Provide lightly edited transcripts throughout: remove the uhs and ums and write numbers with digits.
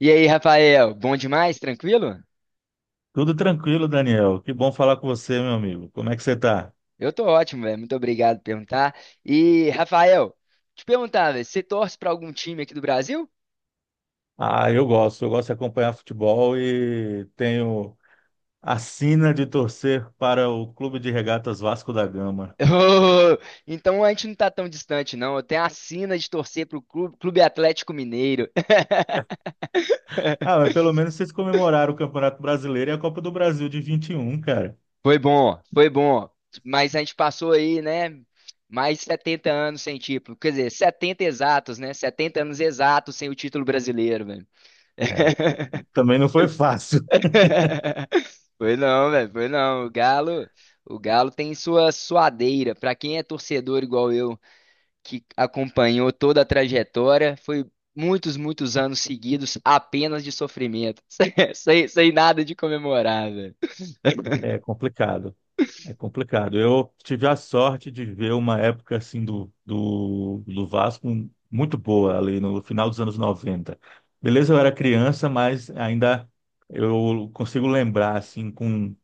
E aí, Rafael, bom demais? Tranquilo? Tudo tranquilo, Daniel. Que bom falar com você, meu amigo. Como é que você tá? Eu tô ótimo, velho. Muito obrigado por perguntar. E, Rafael, te perguntar, velho, você torce pra algum time aqui do Brasil? Ah, eu gosto. Eu gosto de acompanhar futebol e tenho a sina de torcer para o Clube de Regatas Vasco da Gama. Ô, então a gente não tá tão distante, não. Eu tenho a sina de torcer pro Clube Atlético Mineiro. Ah, mas pelo menos vocês comemoraram o Campeonato Brasileiro e a Copa do Brasil de 21, cara. Foi bom, foi bom. Mas a gente passou aí, né? Mais de 70 anos sem título. Quer dizer, 70 exatos, né? 70 anos exatos sem o título brasileiro, velho. É, também não foi fácil. Foi não, velho, foi não. O Galo tem sua suadeira. Pra quem é torcedor igual eu, que acompanhou toda a trajetória, foi muitos, muitos anos seguidos apenas de sofrimento, sem nada de comemorar, velho. É complicado. É complicado. Eu tive a sorte de ver uma época assim do Vasco muito boa ali no final dos anos 90. Beleza, eu era criança, mas ainda eu consigo lembrar assim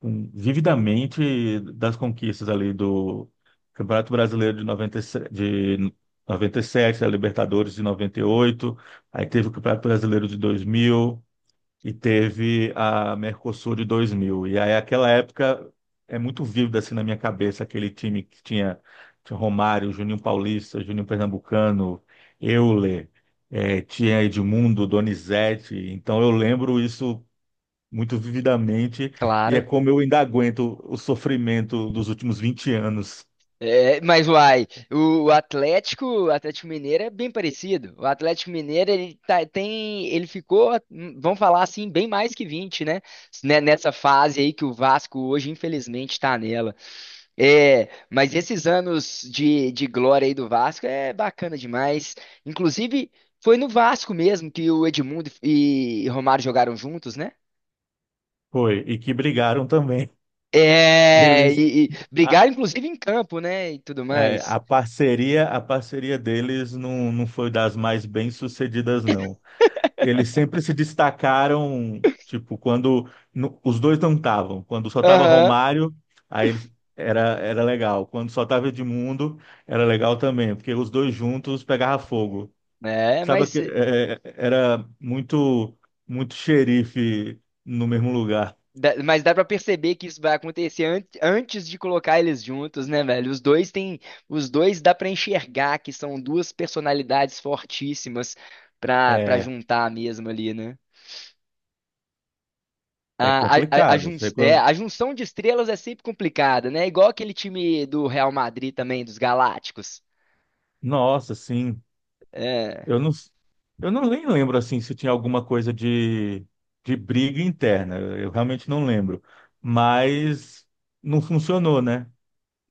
com vividamente das conquistas ali do Campeonato Brasileiro de 97, a Libertadores de 98. Aí teve o Campeonato Brasileiro de 2000 e teve a Mercosul de 2000. E aí, aquela época, é muito vívida assim na minha cabeça aquele time que tinha Romário, Juninho Paulista, Juninho Pernambucano, Euler, tinha Edmundo, Donizete. Então, eu lembro isso muito vividamente e é Claro. como eu ainda aguento o sofrimento dos últimos 20 anos. É, mas uai, o Atlético, o Atlético Mineiro é bem parecido. O Atlético Mineiro, tem, ele ficou, vamos falar assim, bem mais que 20, né? Nessa fase aí que o Vasco hoje, infelizmente, tá nela. É, mas esses anos de glória aí do Vasco é bacana demais. Inclusive, foi no Vasco mesmo que o Edmundo e Romário jogaram juntos, né? Foi, e que brigaram também. É, Eles. E A, brigaram inclusive em campo, né? E tudo mais. a parceria deles não foi das mais bem-sucedidas, não. Eles sempre se destacaram, tipo, quando os dois não estavam. Quando só tava Aham, Romário, aí eles- era legal. Quando só tava Edmundo, era legal também, porque os dois juntos pegava fogo. é, Sabe que era muito muito xerife no mesmo lugar. Mas dá pra perceber que isso vai acontecer antes de colocar eles juntos, né, velho? Os dois dá pra enxergar que são duas personalidades fortíssimas para É, juntar mesmo ali, né? é complicado. É, a junção de estrelas é sempre complicada, né? Igual aquele time do Real Madrid também, dos Galácticos. Nossa, sim. É, Eu não, eu não nem lembro assim se tinha alguma coisa de briga interna. Eu realmente não lembro. Mas não funcionou, né?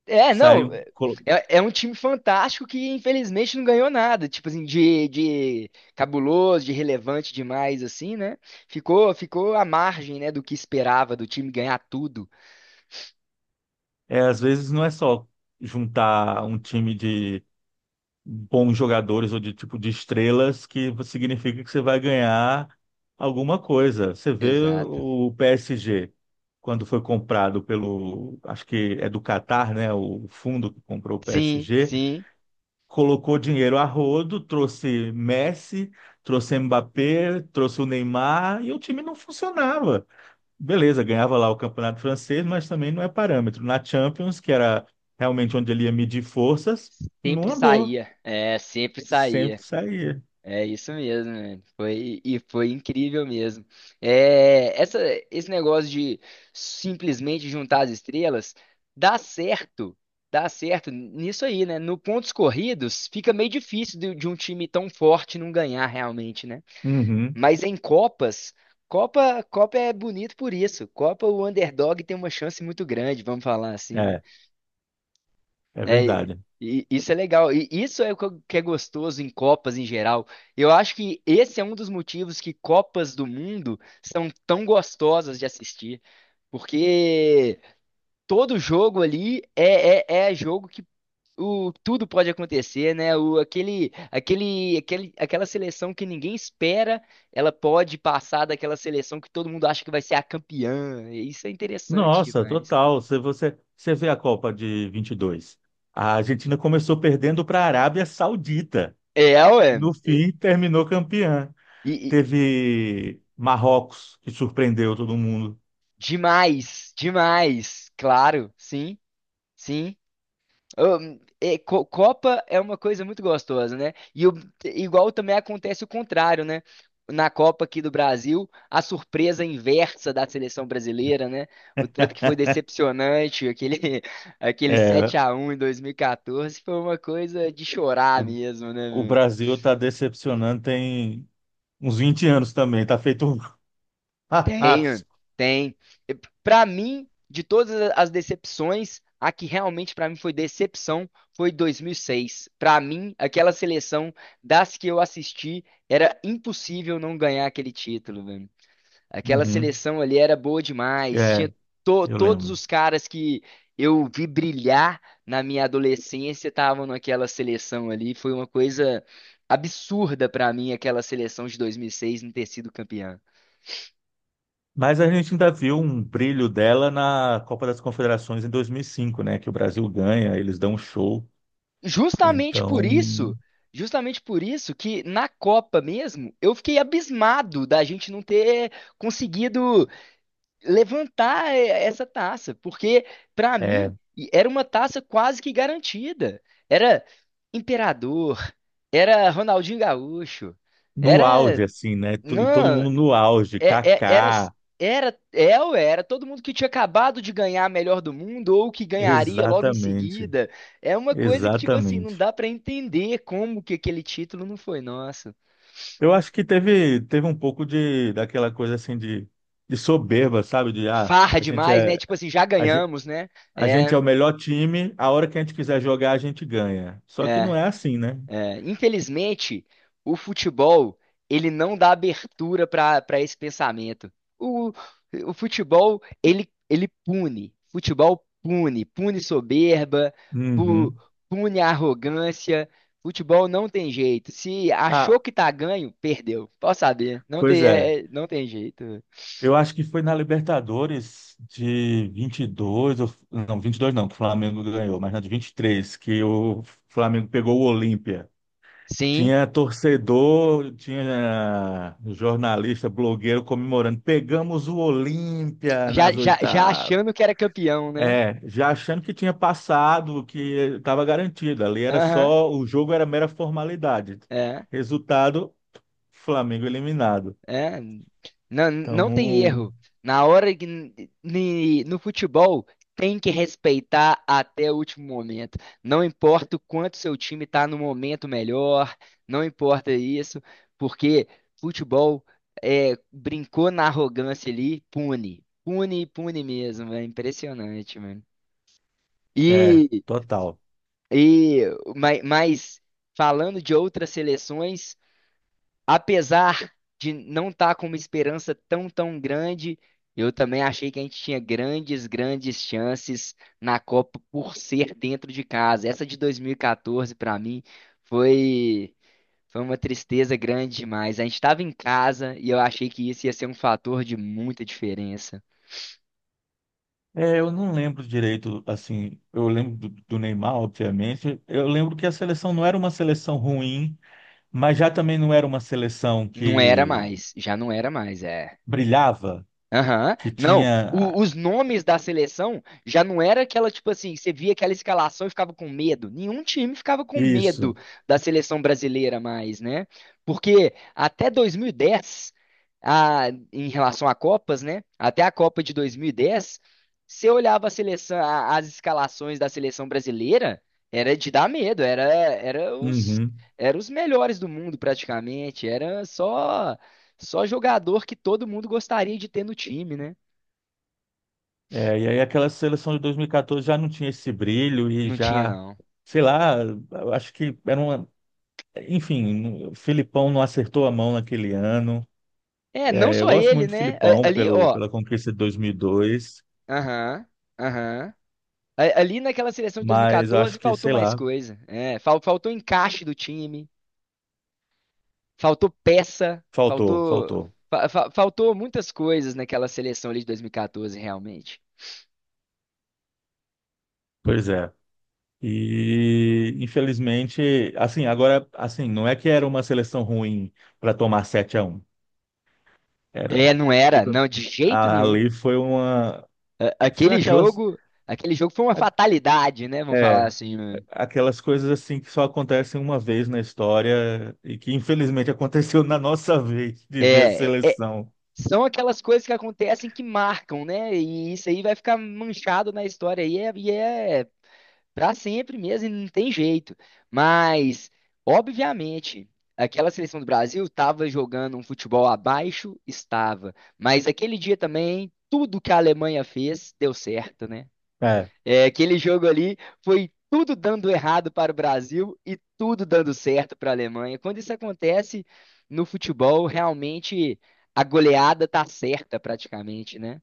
é não, Saiu. É, é um time fantástico que infelizmente não ganhou nada, tipo assim, de cabuloso, de relevante demais, assim, né? Ficou à margem, né, do que esperava, do time ganhar tudo. É, às vezes não é só juntar um time de bons jogadores ou de tipo de estrelas que significa que você vai ganhar alguma coisa. Você vê Exato. o PSG quando foi comprado pelo, acho que é do Catar, né? O fundo que comprou o Sim, PSG. sim, Colocou dinheiro a rodo, trouxe Messi, trouxe Mbappé, trouxe o Neymar e o time não funcionava. Beleza, ganhava lá o campeonato francês, mas também não é parâmetro. Na Champions, que era realmente onde ele ia medir forças, não andou. Sempre Sempre saía. saía. É isso mesmo, né? Foi, e foi incrível mesmo. É, essa, esse negócio de simplesmente juntar as estrelas dá certo, dá certo nisso aí, né? No pontos corridos fica meio difícil de um time tão forte não ganhar realmente, né? Uhum, Mas em Copas, Copa é bonito por isso. Copa, o underdog tem uma chance muito grande, vamos falar assim, né? é, é É, verdade. e isso é legal. E isso é o que que é gostoso em Copas em geral. Eu acho que esse é um dos motivos que Copas do Mundo são tão gostosas de assistir. Porque todo jogo ali é jogo que tudo pode acontecer, né? O, aquele, aquele, aquele, aquela seleção que ninguém espera, ela pode passar daquela seleção que todo mundo acha que vai ser a campeã. Isso é interessante Nossa, demais. total. Se você vê a Copa de 22. A Argentina começou perdendo para a Arábia Saudita É, e ué. no fim terminou campeã. E, Teve Marrocos, que surpreendeu todo mundo. demais, demais, claro, sim, sim. É, Copa é uma coisa muito gostosa, né? Igual também acontece o contrário, né? Na Copa aqui do Brasil, a surpresa inversa da seleção brasileira, né? O tanto que foi decepcionante, aquele, aquele É, 7 a 1 em 2014 foi uma coisa de chorar o, mesmo, o né? Brasil está decepcionando tem uns 20 anos também, está feito um Tem, carrasco. tem. E pra mim, de todas as decepções, a que realmente pra mim foi decepção foi 2006. Pra mim, aquela seleção das que eu assisti, era impossível não ganhar aquele título, velho. Aquela Uhum. seleção ali era boa demais. É, Tinha eu todos lembro. os caras que eu vi brilhar na minha adolescência estavam naquela seleção ali. Foi uma coisa absurda pra mim aquela seleção de 2006 não ter sido campeã. Mas a gente ainda viu um brilho dela na Copa das Confederações em 2005, né? Que o Brasil ganha, eles dão um show. Justamente por Então, isso, justamente por isso que na Copa mesmo, eu fiquei abismado da gente não ter conseguido levantar essa taça, porque para é, mim era uma taça quase que garantida. Era Imperador, era Ronaldinho Gaúcho, no auge, era assim, né? E todo não, mundo no auge, é- é- era, Kaká, era, é ou era todo mundo que tinha acabado de ganhar a melhor do mundo ou que ganharia logo em exatamente, seguida. É uma coisa que, tipo assim, não exatamente. dá pra entender como que aquele título não foi nosso. Eu acho que teve um pouco de daquela coisa assim de soberba, sabe? De Farra a gente demais, é né? Tipo assim, já a gente, ganhamos, né? a gente é É, o melhor time, a hora que a gente quiser jogar, a gente ganha. Só que não é. é assim, né? É, infelizmente, o futebol ele não dá abertura para esse pensamento. O, o futebol ele pune. Futebol pune, pune soberba, pu- Uhum. pune arrogância. Futebol não tem jeito. Se achou Ah, que tá ganho, perdeu. Pode saber, não pois tem é. Não tem jeito. Eu acho que foi na Libertadores de 22, não, 22, não, que o Flamengo ganhou, mas na de 23 que o Flamengo pegou o Olímpia. Sim, Tinha torcedor, tinha jornalista, blogueiro comemorando. Pegamos o Olímpia já nas já, já oitavas. achando que era campeão, né? É, já achando que tinha passado, que estava garantido. Ali era Aham, só, o jogo era mera formalidade. é. Resultado, Flamengo eliminado. É, não, Então, não tem erro. Na hora que no futebol tem que respeitar até o último momento. Não importa o quanto seu time está no momento melhor, não importa isso, porque futebol é, brincou na arrogância ali, pune, pune, pune mesmo. É impressionante, mano. é, E, total. e mas falando de outras seleções apesar de não estar com uma esperança tão, tão grande, eu também achei que a gente tinha grandes, grandes chances na Copa por ser dentro de casa. Essa de 2014, para mim, foi, foi uma tristeza grande demais. A gente estava em casa e eu achei que isso ia ser um fator de muita diferença. É, eu não lembro direito, assim, eu lembro do Neymar, obviamente. Eu lembro que a seleção não era uma seleção ruim, mas já também não era uma seleção Não era que mais, já não era mais, é. brilhava, Aham. que Não, tinha os nomes da seleção já não era aquela, tipo assim, você via aquela escalação e ficava com medo. Nenhum time ficava com medo isso. da seleção brasileira mais, né? Porque até 2010, a, em relação a Copas, né? Até a Copa de 2010, você olhava a seleção, as escalações da seleção brasileira, era de dar medo, Uhum. era os melhores do mundo praticamente, era só. Só jogador que todo mundo gostaria de ter no time, né? É, e aí aquela seleção de 2014 já não tinha esse brilho e Não tinha, já, não. sei lá, eu acho que era uma, enfim, o Filipão não acertou a mão naquele ano. É, não É, eu só gosto ele, muito do né? Filipão Ali, pelo, ó. pela conquista de 2002, Aham, aham. Ali naquela seleção de mas eu acho 2014 que, faltou sei mais lá, coisa. É, faltou encaixe do time, faltou peça, faltou, faltou. faltou. Fa- fa- faltou muitas coisas naquela seleção ali de 2014, realmente. Pois é. E infelizmente, assim, agora, assim, não é que era uma seleção ruim para tomar 7-1. É, não Eu era, tô- não, de jeito nenhum. Ali foi uma. A- Foi Aquele aquelas. jogo, aquele jogo foi uma a- fatalidade, né? Vamos falar É, assim, né? aquelas coisas assim que só acontecem uma vez na história e que infelizmente aconteceu na nossa vez de ver a É, é, seleção. são aquelas coisas que acontecem que marcam, né? E isso aí vai ficar manchado na história aí é, e é para sempre mesmo, e não tem jeito. Mas, obviamente, aquela seleção do Brasil estava jogando um futebol abaixo, estava. Mas aquele dia também, tudo que a Alemanha fez deu certo, né? É. É, aquele jogo ali foi tudo dando errado para o Brasil e tudo dando certo para a Alemanha. Quando isso acontece no futebol, realmente a goleada tá certa praticamente, né?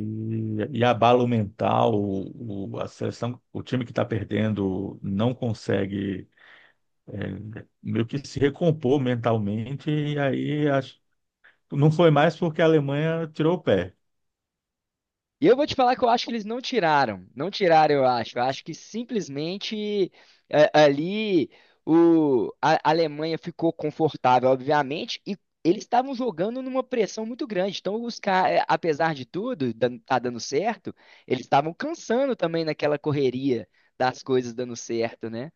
E abalo mental, a seleção, o time que está perdendo não consegue é, meio que se recompor mentalmente, e aí acho, não foi mais porque a Alemanha tirou o pé. E eu vou te falar que eu acho que eles não tiraram. Não tiraram, eu acho. Eu acho que simplesmente é, ali a Alemanha ficou confortável, obviamente, e eles estavam jogando numa pressão muito grande. Então, os caras, apesar de tudo, tá dando certo, eles estavam cansando também naquela correria das coisas dando certo, né?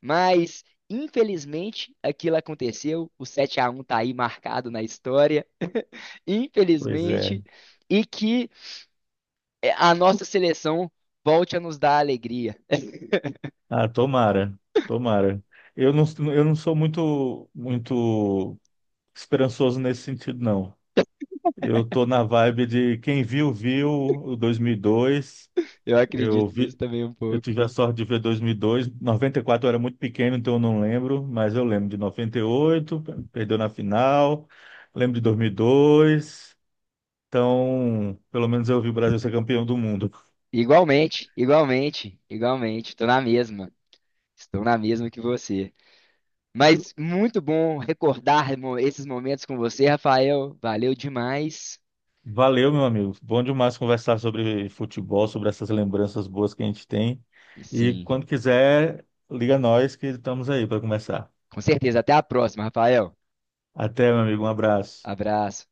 Mas, infelizmente, aquilo aconteceu. O 7 a 1 tá aí marcado na história. Pois é. Infelizmente. E que é, a nossa seleção volte a nos dar alegria. Ah, tomara, tomara. Eu não, eu não sou muito, muito esperançoso nesse sentido, não. Eu tô na vibe de quem viu o 2002. Eu Eu acredito nisso vi, também um eu pouco, tive a viu? sorte de ver 2002. 94 eu era muito pequeno, então eu não lembro, mas eu lembro de 98, perdeu na final. Lembro de dois mil e dois. Então, pelo menos eu vi o Brasil ser campeão do mundo. Igualmente, igualmente, igualmente. Estou na mesma. Estou na mesma que você. Mas muito bom recordar esses momentos com você, Rafael. Valeu demais. Valeu, meu amigo. Bom demais conversar sobre futebol, sobre essas lembranças boas que a gente tem. E Sim, quando quiser, liga nós que estamos aí para conversar. com certeza. Até a próxima, Rafael. Até, meu amigo. Um abraço. Abraço.